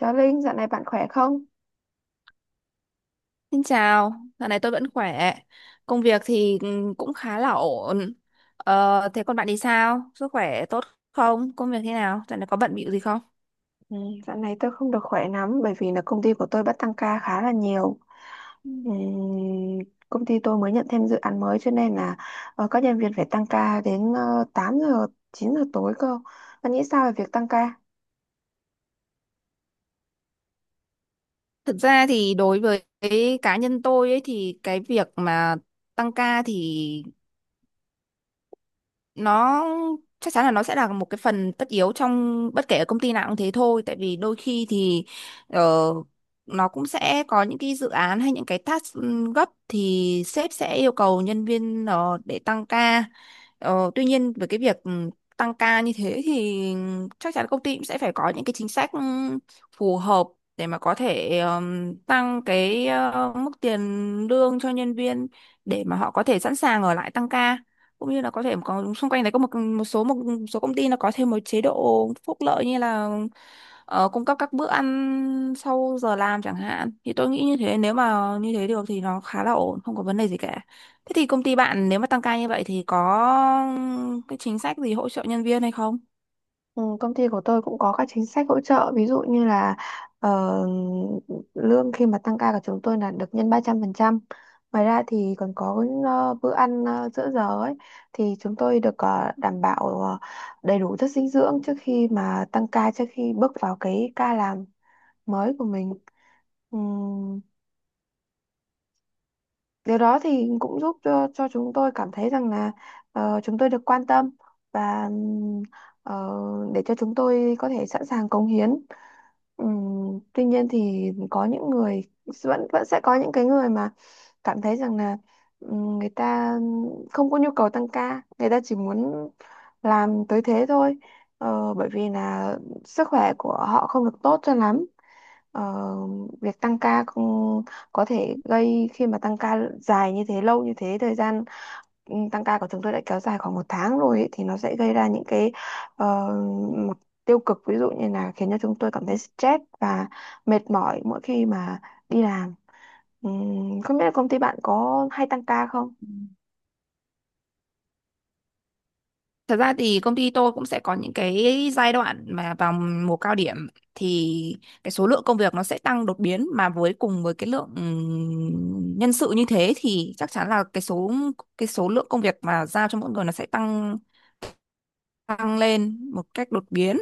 Chào Linh, dạo này bạn khỏe không? Xin chào, dạo này tôi vẫn khỏe. Công việc thì cũng khá là ổn. Thế còn bạn thì sao? Sức khỏe tốt không? Công việc thế nào? Dạo này có bận bịu gì không? Ừ, dạo này tôi không được khỏe lắm bởi vì là công ty của tôi bắt tăng ca khá là nhiều. Ừ. Ừm, Công ty tôi mới nhận thêm dự án mới cho nên là các nhân viên phải tăng ca đến 8 giờ, 9 giờ tối cơ. Bạn nghĩ sao về việc tăng ca? Thực ra thì đối với cái cá nhân tôi ấy thì cái việc mà tăng ca thì nó chắc chắn là nó sẽ là một cái phần tất yếu trong bất kể ở công ty nào cũng thế thôi, tại vì đôi khi thì ờ, nó cũng sẽ có những cái dự án hay những cái task gấp thì sếp sẽ yêu cầu nhân viên để tăng ca. Tuy nhiên với cái việc tăng ca như thế thì chắc chắn công ty cũng sẽ phải có những cái chính sách phù hợp để mà có thể tăng cái mức tiền lương cho nhân viên để mà họ có thể sẵn sàng ở lại tăng ca, cũng như là có thể có xung quanh đấy có một một số số công ty nó có thêm một chế độ phúc lợi như là cung cấp các bữa ăn sau giờ làm chẳng hạn. Thì tôi nghĩ như thế, nếu mà như thế được thì nó khá là ổn, không có vấn đề gì cả. Thế thì công ty bạn nếu mà tăng ca như vậy thì có cái chính sách gì hỗ trợ nhân viên hay không? Ừ, công ty của tôi cũng có các chính sách hỗ trợ, ví dụ như là ờ, lương khi mà tăng ca của chúng tôi là được nhân 300%. Ngoài ra thì còn có bữa ăn giữa giờ ấy, thì chúng tôi được đảm bảo đầy đủ chất dinh dưỡng trước khi mà tăng ca, trước khi bước vào cái ca làm mới của mình. Ừ, điều đó thì cũng giúp cho chúng tôi cảm thấy rằng là chúng tôi được quan tâm và ờ, để cho chúng tôi có thể sẵn sàng cống hiến. Tuy nhiên thì có những người vẫn vẫn sẽ có những cái người mà cảm thấy rằng là người ta không có nhu cầu tăng ca, người ta chỉ muốn làm tới thế thôi. Ờ, bởi vì là sức khỏe của họ không được tốt cho lắm. Ờ, việc tăng ca cũng có thể gây, khi mà tăng ca dài như thế, lâu như thế, thời gian tăng ca của chúng tôi đã kéo dài khoảng một tháng rồi ấy, thì nó sẽ gây ra những cái ờ, mặt tiêu cực, ví dụ như là khiến cho chúng tôi cảm thấy stress và mệt mỏi mỗi khi mà đi làm. Không biết là công ty bạn có hay tăng ca không? Thật ra thì công ty tôi cũng sẽ có những cái giai đoạn mà vào mùa cao điểm thì cái số lượng công việc nó sẽ tăng đột biến, mà với cùng với cái lượng nhân sự như thế thì chắc chắn là cái số lượng công việc mà giao cho mỗi người nó sẽ tăng tăng lên một cách đột biến.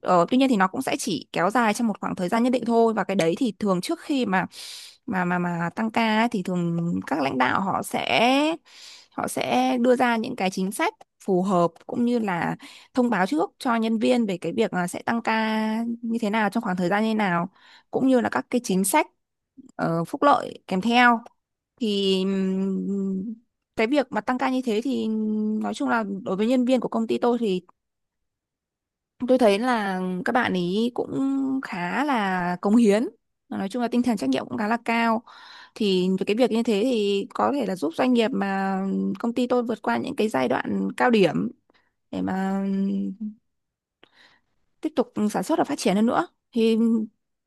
Tuy nhiên thì nó cũng sẽ chỉ kéo dài trong một khoảng thời gian nhất định thôi, và cái đấy thì thường trước khi mà tăng ca ấy, thì thường các lãnh đạo họ sẽ đưa ra những cái chính sách phù hợp, cũng như là thông báo trước cho nhân viên về cái việc là sẽ tăng ca như thế nào, trong khoảng thời gian như thế nào, cũng như là các cái chính sách phúc lợi kèm theo. Thì cái việc mà tăng ca như thế thì nói chung là đối với nhân viên của công ty tôi thì tôi thấy là các bạn ý cũng khá là cống hiến, nói chung là tinh thần trách nhiệm cũng khá là cao. Thì với cái việc như thế thì có thể là giúp doanh nghiệp mà công ty tôi vượt qua những cái giai đoạn cao điểm để mà tiếp tục sản xuất và phát triển hơn nữa. Thì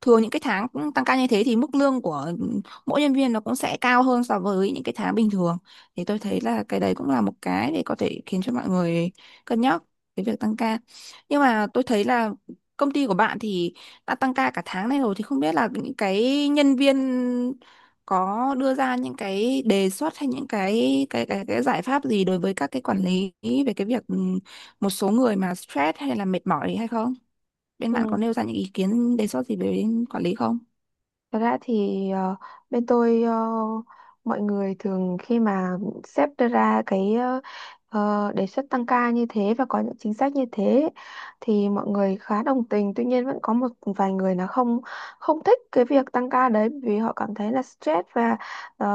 thường những cái tháng cũng tăng ca như thế thì mức lương của mỗi nhân viên nó cũng sẽ cao hơn so với những cái tháng bình thường, thì tôi thấy là cái đấy cũng là một cái để có thể khiến cho mọi người cân nhắc cái việc tăng ca. Nhưng mà tôi thấy là công ty của bạn thì đã tăng ca cả tháng này rồi, thì không biết là những cái nhân viên có đưa ra những cái đề xuất hay những cái cái giải pháp gì đối với các cái quản lý về cái việc một số người mà stress hay là mệt mỏi hay không? Bên bạn có Ừ. nêu ra những ý kiến đề xuất gì về đến quản lý không? Thật ra thì bên tôi, mọi người thường khi mà sếp đưa ra cái đề xuất tăng ca như thế và có những chính sách như thế, thì mọi người khá đồng tình. Tuy nhiên vẫn có một vài người là không không thích cái việc tăng ca đấy vì họ cảm thấy là stress và ờ,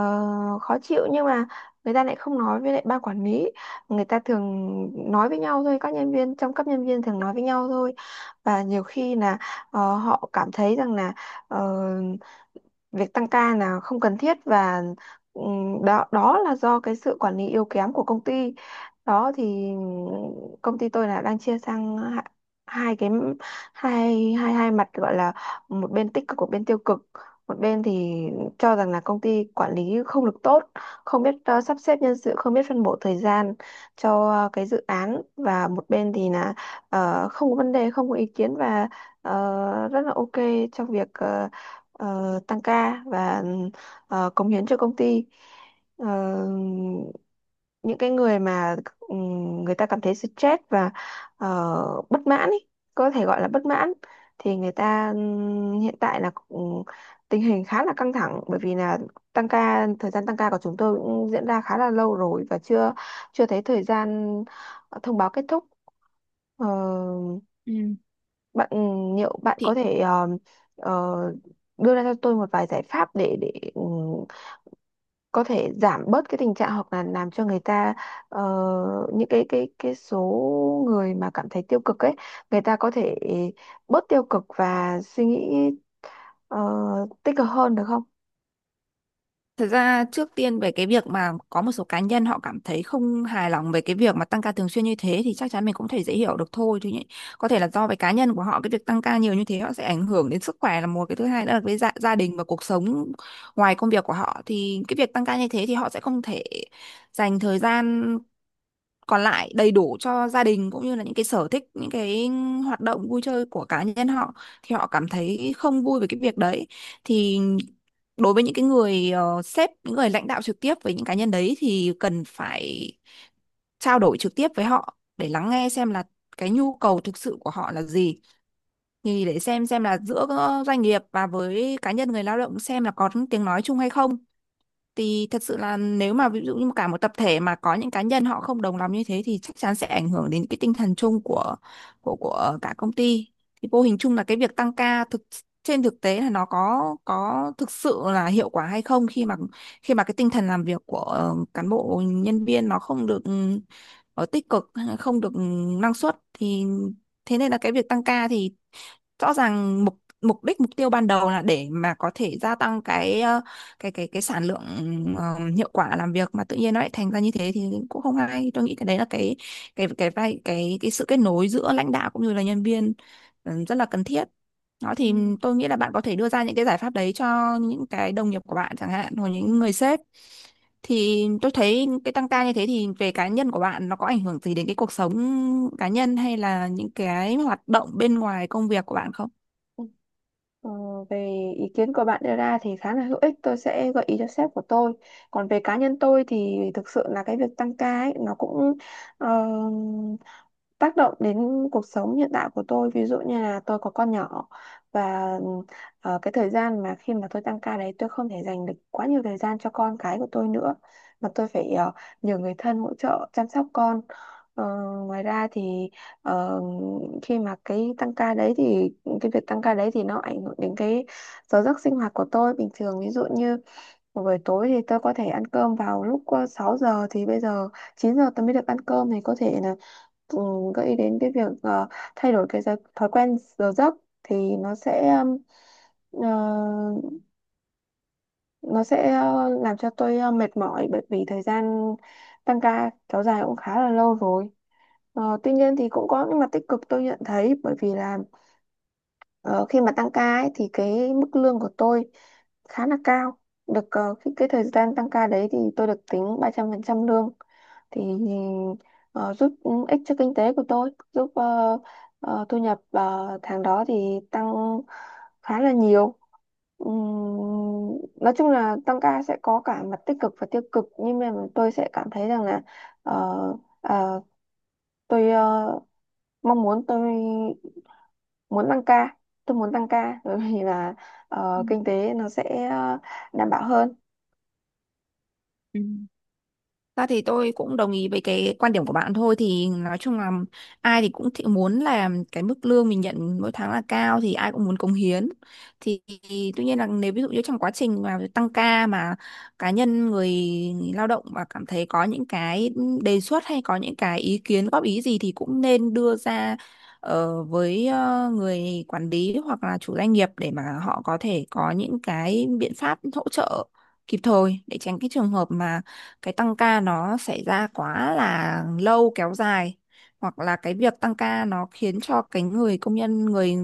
khó chịu, nhưng mà người ta lại không nói với lại ban quản lý. Người ta thường nói với nhau thôi, các nhân viên trong cấp nhân viên thường nói với nhau thôi. Và nhiều khi là họ cảm thấy rằng là ờ, việc tăng ca là không cần thiết, và đó đó là do cái sự quản lý yếu kém của công ty đó. Thì công ty tôi là đang chia sang hai, hai cái hai hai hai mặt, gọi là một bên tích cực, một bên tiêu cực. Một bên thì cho rằng là công ty quản lý không được tốt, không biết sắp xếp nhân sự, không biết phân bổ thời gian cho cái dự án, và một bên thì là không có vấn đề, không có ý kiến, và rất là ok trong việc tăng ca và cống hiến cho công ty. Ờ, những cái người mà người ta cảm thấy stress và ờ, bất mãn ý, có thể gọi là bất mãn, thì người ta hiện tại là tình hình khá là căng thẳng, bởi vì là tăng ca, thời gian tăng ca của chúng tôi cũng diễn ra khá là lâu rồi và chưa chưa thấy thời gian thông báo kết thúc. Ờ, Ừ. bạn ừ, liệu bạn có Thì thể ờ, đưa ra cho tôi một vài giải pháp để có thể giảm bớt cái tình trạng, hoặc là làm cho người ta ờ, những cái số người mà cảm thấy tiêu cực ấy, người ta có thể bớt tiêu cực và suy nghĩ ờ, tích cực hơn được không? thật ra trước tiên về cái việc mà có một số cá nhân họ cảm thấy không hài lòng về cái việc mà tăng ca thường xuyên như thế thì chắc chắn mình cũng thể dễ hiểu được thôi thì nhỉ- có thể là do về cá nhân của họ, cái việc tăng ca nhiều như thế họ sẽ ảnh hưởng đến sức khỏe là một, cái thứ hai nữa là với gia đình và cuộc sống ngoài công việc của họ thì cái việc tăng ca như thế thì họ sẽ không thể dành thời gian còn lại đầy đủ cho gia đình cũng như là những cái sở thích, những cái hoạt động vui chơi của cá nhân họ, thì họ cảm thấy không vui về cái việc đấy. Thì đối với những cái người sếp, những người lãnh đạo trực tiếp với những cá nhân đấy, thì cần phải trao đổi trực tiếp với họ để lắng nghe xem là cái nhu cầu thực sự của họ là gì, thì để xem là giữa doanh nghiệp và với cá nhân người lao động xem là có tiếng nói chung hay không. Thì thật sự là nếu mà ví dụ như cả một tập thể mà có những cá nhân họ không đồng lòng như thế thì chắc chắn sẽ ảnh hưởng đến cái tinh thần chung của cả công ty. Thì vô hình chung là cái việc tăng ca thực trên thực tế là nó có thực sự là hiệu quả hay không, khi mà khi mà cái tinh thần làm việc của cán bộ nhân viên nó không được tích cực, không được năng suất. Thì thế nên là cái việc tăng ca thì rõ ràng mục mục đích mục tiêu ban đầu là để mà có thể gia tăng cái cái sản lượng, ờ, hiệu quả làm việc, mà tự nhiên nó lại thành ra như thế thì cũng không hay. Tôi nghĩ cái đấy là cái vai cái sự kết nối giữa lãnh đạo cũng như là nhân viên rất là cần thiết. Đó Ừ. thì tôi nghĩ là bạn có thể đưa ra những cái giải pháp đấy cho những cái đồng nghiệp của bạn chẳng hạn, hoặc Ừ. những người sếp. Thì tôi thấy cái tăng ca như thế thì về cá nhân của bạn nó có ảnh hưởng gì đến cái cuộc sống cá nhân hay là những cái hoạt động bên ngoài công việc của bạn không? Ờ, về ý kiến của bạn đưa ra thì khá là hữu ích, tôi sẽ gợi ý cho sếp của tôi. Còn về cá nhân tôi thì thực sự là cái việc tăng ca ấy nó cũng ờ, tác động đến cuộc sống hiện tại của tôi, ví dụ như là tôi có con nhỏ. Và cái thời gian mà khi mà tôi tăng ca đấy, tôi không thể dành được quá nhiều thời gian cho con cái của tôi nữa, mà tôi phải nhờ người thân hỗ trợ chăm sóc con. Ờ, ngoài ra thì ờ, khi mà cái tăng ca đấy, thì cái việc tăng ca đấy thì nó ảnh hưởng đến cái giờ giấc sinh hoạt của tôi bình thường, ví dụ như một buổi tối thì tôi có thể ăn cơm vào lúc 6 giờ, thì bây giờ 9 giờ tôi mới được ăn cơm. Thì có thể là ừ, gợi ý đến cái việc thay đổi thói quen giờ giấc thì nó sẽ ừm, ờ, nó sẽ làm cho tôi mệt mỏi, bởi vì thời gian tăng ca kéo dài cũng khá là lâu rồi. Ờ, tuy nhiên thì cũng có những mặt tích cực tôi nhận thấy, bởi vì là Ờ, khi mà tăng ca ấy, thì cái mức lương của tôi khá là cao, được cái thời gian tăng ca đấy thì tôi được tính 300% lương, thì ờ, giúp ích cho kinh tế của tôi, giúp thu nhập tháng đó thì tăng khá là nhiều. Ừm, nói chung là tăng ca sẽ có cả mặt tích cực và tiêu cực, nhưng mà tôi sẽ cảm thấy rằng là ờ, ờ, tôi mong muốn tôi muốn tăng ca, bởi vì là kinh tế nó sẽ đảm bảo hơn. Ra thì tôi cũng đồng ý với cái quan điểm của bạn thôi, thì nói chung là ai thì cũng thị muốn là cái mức lương mình nhận mỗi tháng là cao, thì ai cũng muốn cống hiến. thì, Tuy nhiên là nếu ví dụ như trong quá trình mà tăng ca mà cá nhân người lao động mà cảm thấy có những cái đề xuất hay có những cái ý kiến góp ý gì thì cũng nên đưa ra với người quản lý hoặc là chủ doanh nghiệp, để mà họ có thể có những cái biện pháp hỗ trợ kịp thời, để tránh cái trường hợp mà cái tăng ca nó xảy ra quá là lâu kéo dài, hoặc là cái việc tăng ca nó khiến cho cái người công nhân, người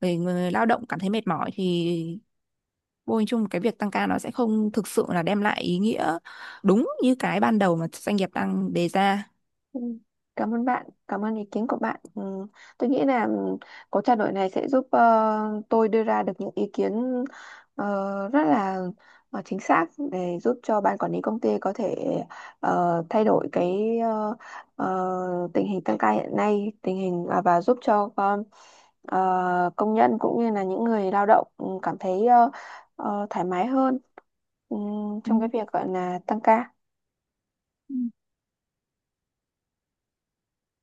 người người lao động cảm thấy mệt mỏi, thì vô hình chung cái việc tăng ca nó sẽ không thực sự là đem lại ý nghĩa đúng như cái ban đầu mà doanh nghiệp đang đề ra. Ừ. Cảm ơn bạn, cảm ơn ý kiến của bạn. Ừ, tôi nghĩ là cuộc trao đổi này sẽ giúp tôi đưa ra được những ý kiến rất là chính xác để giúp cho ban quản lý công ty có thể thay đổi cái tình hình tăng ca hiện nay, và giúp cho công nhân cũng như là những người lao động cảm thấy thoải mái hơn ừ, trong cái việc gọi là tăng ca. Ừ.